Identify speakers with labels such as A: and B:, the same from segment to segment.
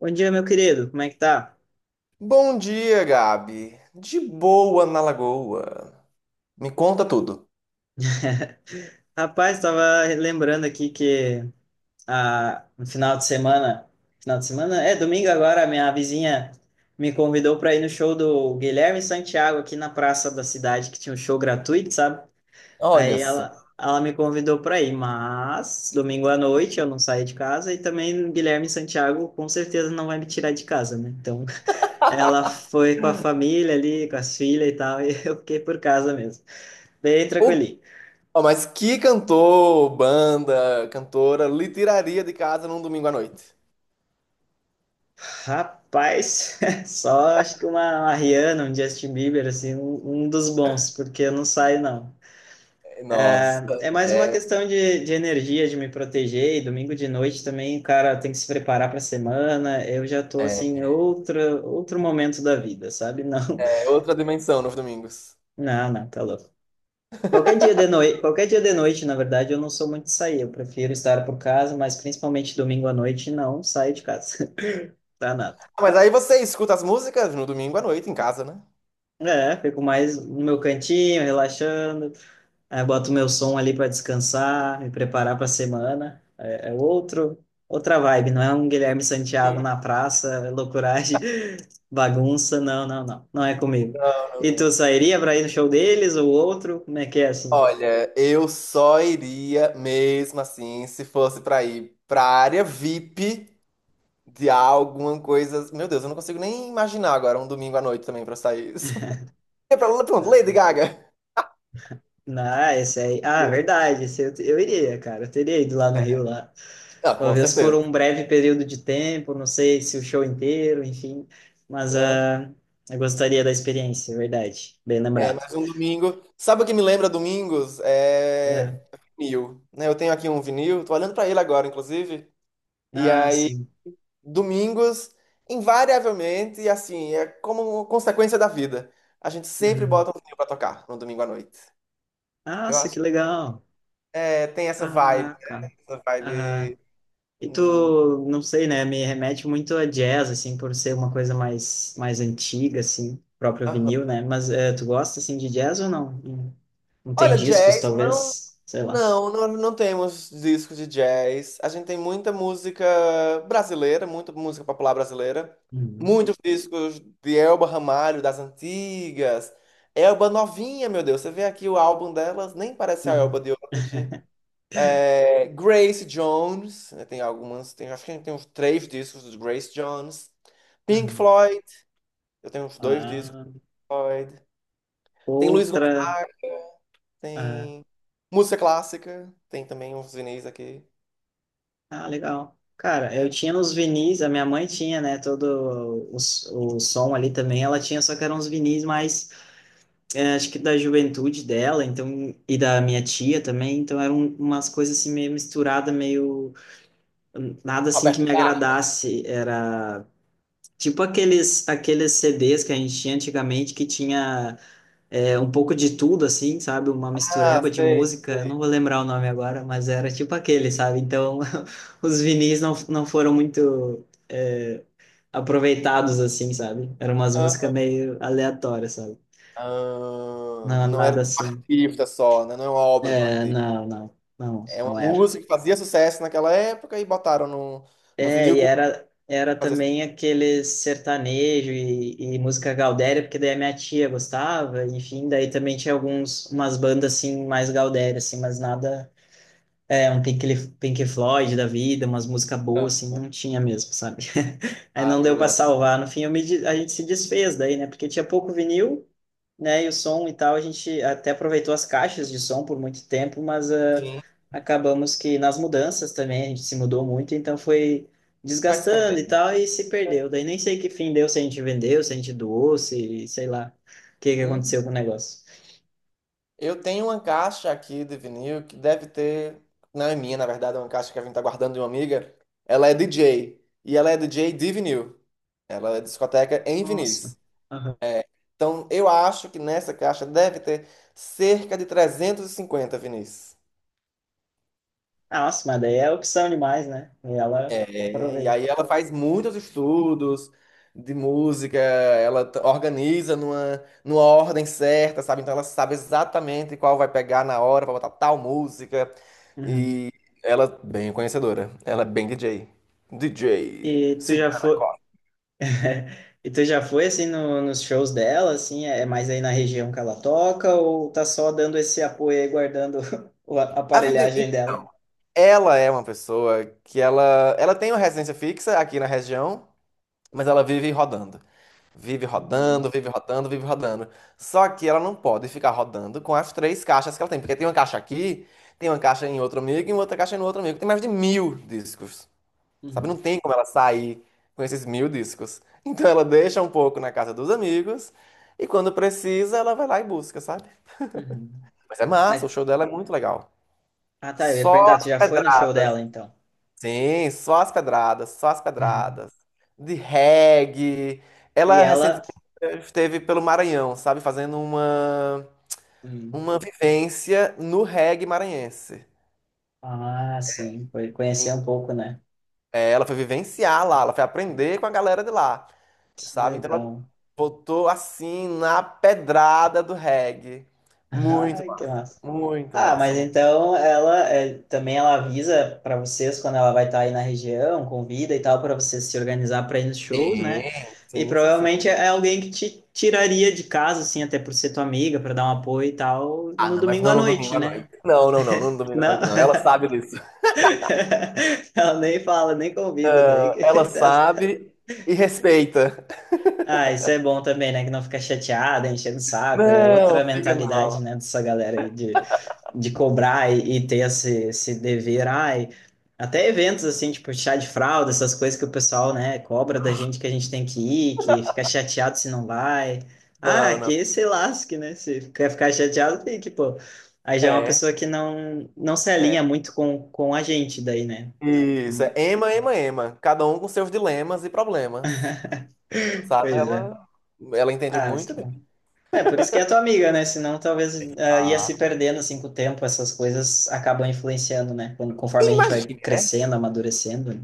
A: Bom dia, meu querido. Como é que tá?
B: Bom dia, Gabi. De boa na Lagoa. Me conta tudo.
A: Rapaz, tava lembrando aqui que no final de semana, é domingo agora, a minha vizinha me convidou para ir no show do Guilherme Santiago aqui na praça da cidade, que tinha um show gratuito, sabe?
B: Olha
A: Aí
B: só.
A: ela, ela me convidou para ir, mas domingo à noite eu não saí de casa e também o Guilherme Santiago com certeza não vai me tirar de casa, né? Então, ela foi com a família ali, com as filhas e tal, e eu fiquei por casa mesmo. Bem
B: Ô,
A: tranquilo.
B: ó, mas que cantor, banda, cantora lhe tiraria de casa num domingo à noite?
A: Rapaz, só acho que uma Rihanna, um Justin Bieber, assim, um dos bons, porque eu não saio, não.
B: É, nossa,
A: É mais uma
B: é,
A: questão de energia, de me proteger, e domingo de noite também, cara, tem que se preparar para a semana, eu já tô, assim, em
B: é,
A: outro momento da vida, sabe? Não,
B: é outra dimensão nos domingos.
A: não, não, tá louco. Qualquer dia de noite, qualquer dia de noite, na verdade, eu não sou muito de sair, eu prefiro estar por casa, mas principalmente domingo à noite, não saio de casa, tá nada.
B: Ah, mas aí você escuta as músicas no domingo à noite em casa, né?
A: É, fico mais no meu cantinho, relaxando. Aí eu boto meu som ali para descansar, me preparar para a semana. É, é outra vibe, não é um Guilherme Santiago
B: Sim.
A: na praça, é loucuragem, bagunça, não, não, não, não é comigo.
B: Não,
A: E
B: não,
A: tu
B: não.
A: sairia para ir no show deles ou outro? Como é que é assim?
B: Olha, eu só iria mesmo assim se fosse pra ir pra área VIP de alguma coisa. Meu Deus, eu não consigo nem imaginar agora um domingo à noite também pra sair isso. É pra, lá, pronto, Lady
A: Ah,
B: Gaga.
A: não, ah, esse aí. Ah,
B: Yeah.
A: verdade, esse eu iria, cara. Eu teria ido lá no Rio lá.
B: Ah, com
A: Talvez por
B: certeza,
A: um breve período de tempo, não sei se o show inteiro, enfim. Mas
B: né?
A: eu gostaria da experiência, é verdade. Bem
B: É,
A: lembrado.
B: mas um domingo. Sabe o que me lembra domingos? É
A: É.
B: vinil, né? Eu tenho aqui um vinil, tô olhando pra ele agora, inclusive. E
A: Ah,
B: aí,
A: sim.
B: domingos, invariavelmente, assim, é como consequência da vida. A gente sempre
A: Uhum.
B: bota um vinil pra tocar no domingo à noite. Eu
A: Nossa, que
B: acho.
A: legal.
B: É, tem essa vibe,
A: Caraca.
B: essa
A: Aham.
B: vibe.
A: E
B: Hum,
A: tu, não sei, né? Me remete muito a jazz, assim, por ser uma coisa mais, mais antiga, assim, próprio
B: aham.
A: vinil, né? Mas tu gosta, assim, de jazz ou não? Não tem
B: Olha,
A: discos,
B: jazz, não.
A: talvez? Sei lá.
B: Não, nós não temos discos de jazz. A gente tem muita música brasileira, muita música popular brasileira.
A: Uhum.
B: Muitos discos de Elba Ramalho, das antigas. Elba novinha, meu Deus. Você vê aqui o álbum delas, nem parece a Elba
A: Uhum.
B: de hoje. É, Grace Jones, né, tem algumas, tem, acho que a gente tem uns três discos de Grace Jones. Pink
A: Uhum.
B: Floyd, eu tenho uns dois discos
A: Ah,
B: de Floyd. Tem Luiz
A: outra.
B: Gonzaga,
A: Ah,
B: tem música clássica, tem também uns vinis aqui,
A: ah, legal. Cara, eu
B: né?
A: tinha nos vinis, a minha mãe tinha, né? Todo o, o som ali também, ela tinha, só que eram uns vinis mais acho que da juventude dela, então, e da minha tia também, então eram umas coisas assim meio misturada, meio nada assim que
B: Roberto
A: me
B: Carlos.
A: agradasse, era tipo aqueles CDs que a gente tinha antigamente que tinha um pouco de tudo assim, sabe, uma
B: Ah,
A: mistureba de
B: sei.
A: música, não vou lembrar o nome agora, mas era tipo aquele, sabe? Então, os vinis não foram muito aproveitados assim, sabe? Eram umas músicas
B: Aham.
A: meio aleatórias, sabe?
B: Ah,
A: Não,
B: não era
A: nada
B: de um
A: assim.
B: artista só, né? Não é uma obra de um
A: É,
B: artista.
A: não, não, não,
B: É uma
A: não era.
B: música que fazia sucesso naquela época e botaram no
A: É,
B: vinil
A: e
B: com
A: era, era
B: fazia
A: também aquele sertanejo e música gaudéria, porque daí a minha tia gostava, enfim, daí também tinha alguns, umas bandas assim, mais gaudéria, assim, mas nada, é, um Pink Floyd da vida, umas músicas boas, assim,
B: sucesso.
A: não tinha mesmo, sabe? Aí
B: Ah,
A: não
B: eu
A: deu pra
B: gosto.
A: salvar, no fim eu a gente se desfez daí, né, porque tinha pouco vinil, né? E o som e tal, a gente até aproveitou as caixas de som por muito tempo, mas
B: Sim,
A: acabamos que nas mudanças também a gente se mudou muito, então foi
B: vai se
A: desgastando
B: perder.
A: e tal, e se perdeu. Daí nem sei que fim deu, se a gente vendeu, se a gente doou, se sei lá o que que
B: Uhum.
A: aconteceu com o negócio.
B: Eu tenho uma caixa aqui de vinil que deve ter. Não é minha, na verdade, é uma caixa que a gente tá guardando de uma amiga. Ela é DJ. E ela é DJ de vinil. Ela é discoteca em
A: Nossa,
B: vinis. É, então, eu acho que nessa caixa deve ter cerca de 350, Vinícius.
A: nossa, mas daí é opção demais, né? E ela
B: É, e
A: aproveita.
B: aí ela faz muitos estudos de música, organiza numa ordem certa, sabe? Então ela sabe exatamente qual vai pegar na hora para botar tal música.
A: Uhum.
B: E ela é bem conhecedora, ela é bem DJ. DJ.
A: E tu
B: Sim.
A: já foi, E tu já foi assim nos shows dela, assim, é é mais aí na região que ela toca, ou tá só dando esse apoio aí, guardando o a
B: A vida-
A: aparelhagem dela?
B: Ela é uma pessoa que ela tem uma residência fixa aqui na região, mas ela vive rodando. Vive rodando,
A: Uhum,
B: vive rodando, vive rodando. Só que ela não pode ficar rodando com as três caixas que ela tem, porque tem uma caixa aqui, tem uma caixa em outro amigo e outra caixa em outro amigo. Tem mais de 1000 discos, sabe? Não
A: uhum,
B: tem como ela sair com esses 1000 discos. Então ela deixa um pouco na casa dos amigos e quando precisa ela vai lá e busca, sabe?
A: uhum.
B: Mas é massa, o
A: Mas,
B: show dela é muito legal.
A: ah tá, eu ia
B: Só
A: perguntar, tu
B: as
A: já foi no show
B: pedradas.
A: dela então?
B: Sim, só as pedradas, só as
A: Uhum.
B: pedradas. De reggae.
A: E
B: Ela
A: ela.
B: recentemente esteve pelo Maranhão, sabe? Fazendo uma,
A: Hum.
B: uma vivência no reggae maranhense.
A: Ah, sim, foi
B: E,
A: conhecer um pouco, né?
B: ela foi vivenciar lá, ela foi aprender com a galera de lá,
A: Que
B: sabe? Então ela
A: legal.
B: botou assim na pedrada do reggae. Muito
A: Ah, que
B: massa,
A: massa.
B: muito
A: Ah, mas
B: massa.
A: então ela é, também ela avisa para vocês quando ela vai estar aí na região, convida e tal, para vocês se organizar para ir nos shows,
B: Sim,
A: né? E
B: sim, sim, sim.
A: provavelmente é alguém que te tiraria de casa, assim, até por ser tua amiga, para dar um apoio e tal,
B: Ah,
A: no
B: não, mas
A: domingo à
B: não no domingo
A: noite,
B: à
A: né?
B: noite. Não, não, não, não no domingo à
A: Não,
B: noite, não. Ela sabe disso.
A: ela nem fala, nem convida daí.
B: Ela sabe e respeita.
A: Ah, isso é bom também, né? Que não fica chateada, enchendo o saco. É outra
B: Não, fica
A: mentalidade,
B: não.
A: né, dessa galera aí de cobrar e ter esse, esse dever, ai, até eventos assim, tipo chá de fralda, essas coisas que o pessoal, né, cobra da gente que a gente tem que ir, que fica chateado se não vai. Ah,
B: Não, não.
A: que se lasque, né? Se quer ficar chateado, tem que, pô. Aí já é uma
B: É,
A: pessoa que não, não se
B: é.
A: alinha muito com a gente daí, né?
B: Isso, é Ema, Ema, Ema. Cada um com seus dilemas e problemas. Sabe?
A: Pois é.
B: Ela entende
A: Ah, mas
B: muito
A: que
B: bem.
A: bom. É, por isso que é tua amiga, né? Senão talvez ia se
B: Ah.
A: perdendo assim com o tempo, essas coisas acabam influenciando, né? Quando- Conforme
B: E
A: a gente vai
B: imagina,
A: crescendo, amadurecendo, né.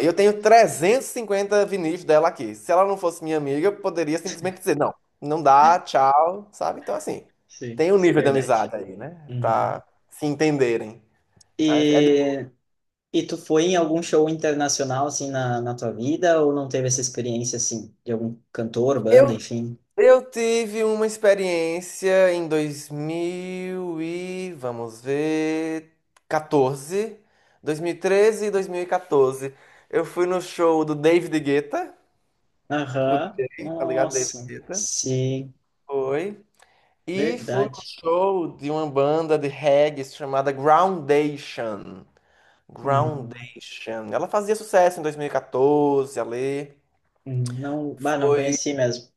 B: eu tenho 350 vinis dela aqui. Se ela não fosse minha amiga, eu poderia simplesmente dizer, não, não dá, tchau, sabe? Então, assim,
A: Sim,
B: tem um nível de
A: verdade.
B: amizade aí, né?
A: Uhum.
B: Pra se entenderem. É de-
A: E, e tu foi em algum show internacional, assim, na, na tua vida? Ou não teve essa experiência, assim, de algum cantor, banda,
B: Eu
A: enfim?
B: Eu tive uma experiência em 2000 e vamos ver 14, 2013 e 2014. Eu fui no show do David Guetta, o
A: Aham.
B: tá ligado? David
A: Nossa,
B: Guetta.
A: sim,
B: Foi. E fui no
A: verdade.
B: show de uma banda de reggae chamada Groundation.
A: Hum,
B: Groundation. Ela fazia sucesso em 2014 ali.
A: hum. Não, bah, não
B: Foi,
A: conheci mesmo.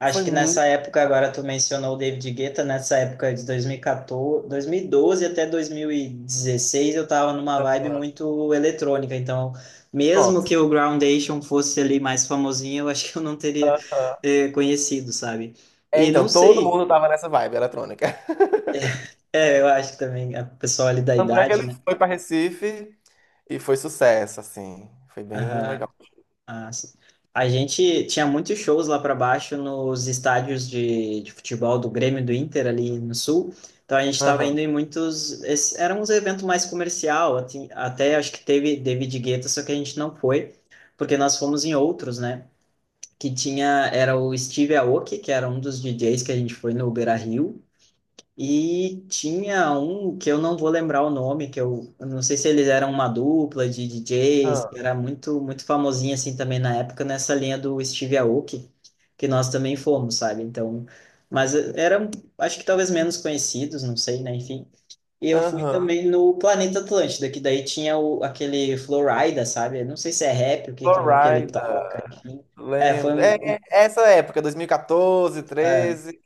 A: Acho
B: foi
A: que
B: muito.
A: nessa época, agora tu mencionou o David Guetta, nessa época de 2014, 2012 até 2016, eu tava numa vibe muito eletrônica, então mesmo
B: Pronto.
A: que o Groundation fosse ali mais famosinho, eu acho que eu não teria conhecido, sabe?
B: É,
A: E
B: então
A: não
B: todo
A: sei,
B: mundo tava nessa vibe eletrônica.
A: é, eu acho que também a pessoa ali da
B: Tanto é que ele
A: idade, né?
B: foi pra Recife e foi sucesso, assim. Foi bem legal.
A: Ah, sim. A gente tinha muitos shows lá para baixo nos estádios de futebol do Grêmio e do Inter ali no sul. Então a gente estava
B: Aham,
A: indo em muitos. Esse, era uns eventos mais comercial, até acho que teve David Guetta, só que a gente não foi, porque nós fomos em outros, né? Que tinha, era o Steve Aoki, que era um dos DJs que a gente foi no Beira-Rio. E tinha um que eu não vou lembrar o nome, que eu não sei se eles eram uma dupla de DJs,
B: aham,
A: que era muito famosinho assim também na época, nessa linha do Steve Aoki, que nós também fomos, sabe? Então, mas eram, acho que talvez menos conhecidos, não sei, né? Enfim. E eu fui
B: aham.
A: também no Planeta Atlântida, que daí tinha o, aquele Flowrider, sabe? Eu não sei se é rap, o que, que é que ele toca,
B: Florida,
A: enfim. É, foi
B: lembro. É,
A: um,
B: é essa época, 2014,
A: é,
B: 13.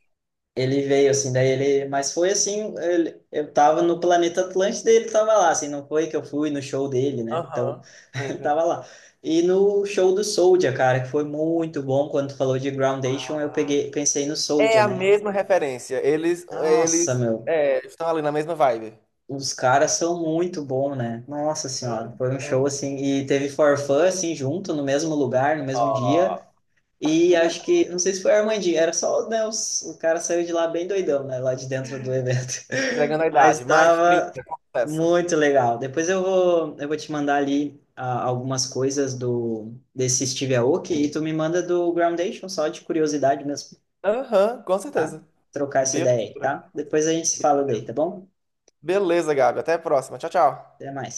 A: ele veio, assim, daí ele. Mas foi assim, eu tava no planeta Atlântida e ele tava lá, assim, não foi que eu fui no show dele, né? Então,
B: Aham.
A: ele
B: Uhum.
A: tava lá. E no show do Soulja, cara, que foi muito bom, quando tu falou de Groundation, eu peguei, pensei no
B: É
A: Soulja,
B: a
A: né? Que-
B: mesma referência. Eles
A: Nossa, meu,
B: estão ali na mesma vibe.
A: os caras são muito bons, né? Nossa senhora, foi um show
B: Aham.
A: assim, e teve For Fun, assim, junto, no mesmo lugar, no mesmo dia.
B: Ó,
A: E acho que, não sei se foi a Armandinho, era só, né, o cara saiu de lá bem doidão, né, lá de dentro do evento.
B: entregando a
A: Mas
B: idade. Mais 30,
A: tava
B: sucesso.
A: muito legal. Depois eu vou te mandar ali algumas coisas do desse Steve Aoki e tu me manda do Groundation, só de curiosidade mesmo,
B: Aham, com
A: tá?
B: certeza.
A: Trocar essa
B: Beleza,
A: ideia aí,
B: né?
A: tá? Depois a gente se fala daí, tá bom?
B: Beleza, Gabi. Até a próxima. Tchau, tchau.
A: Até mais.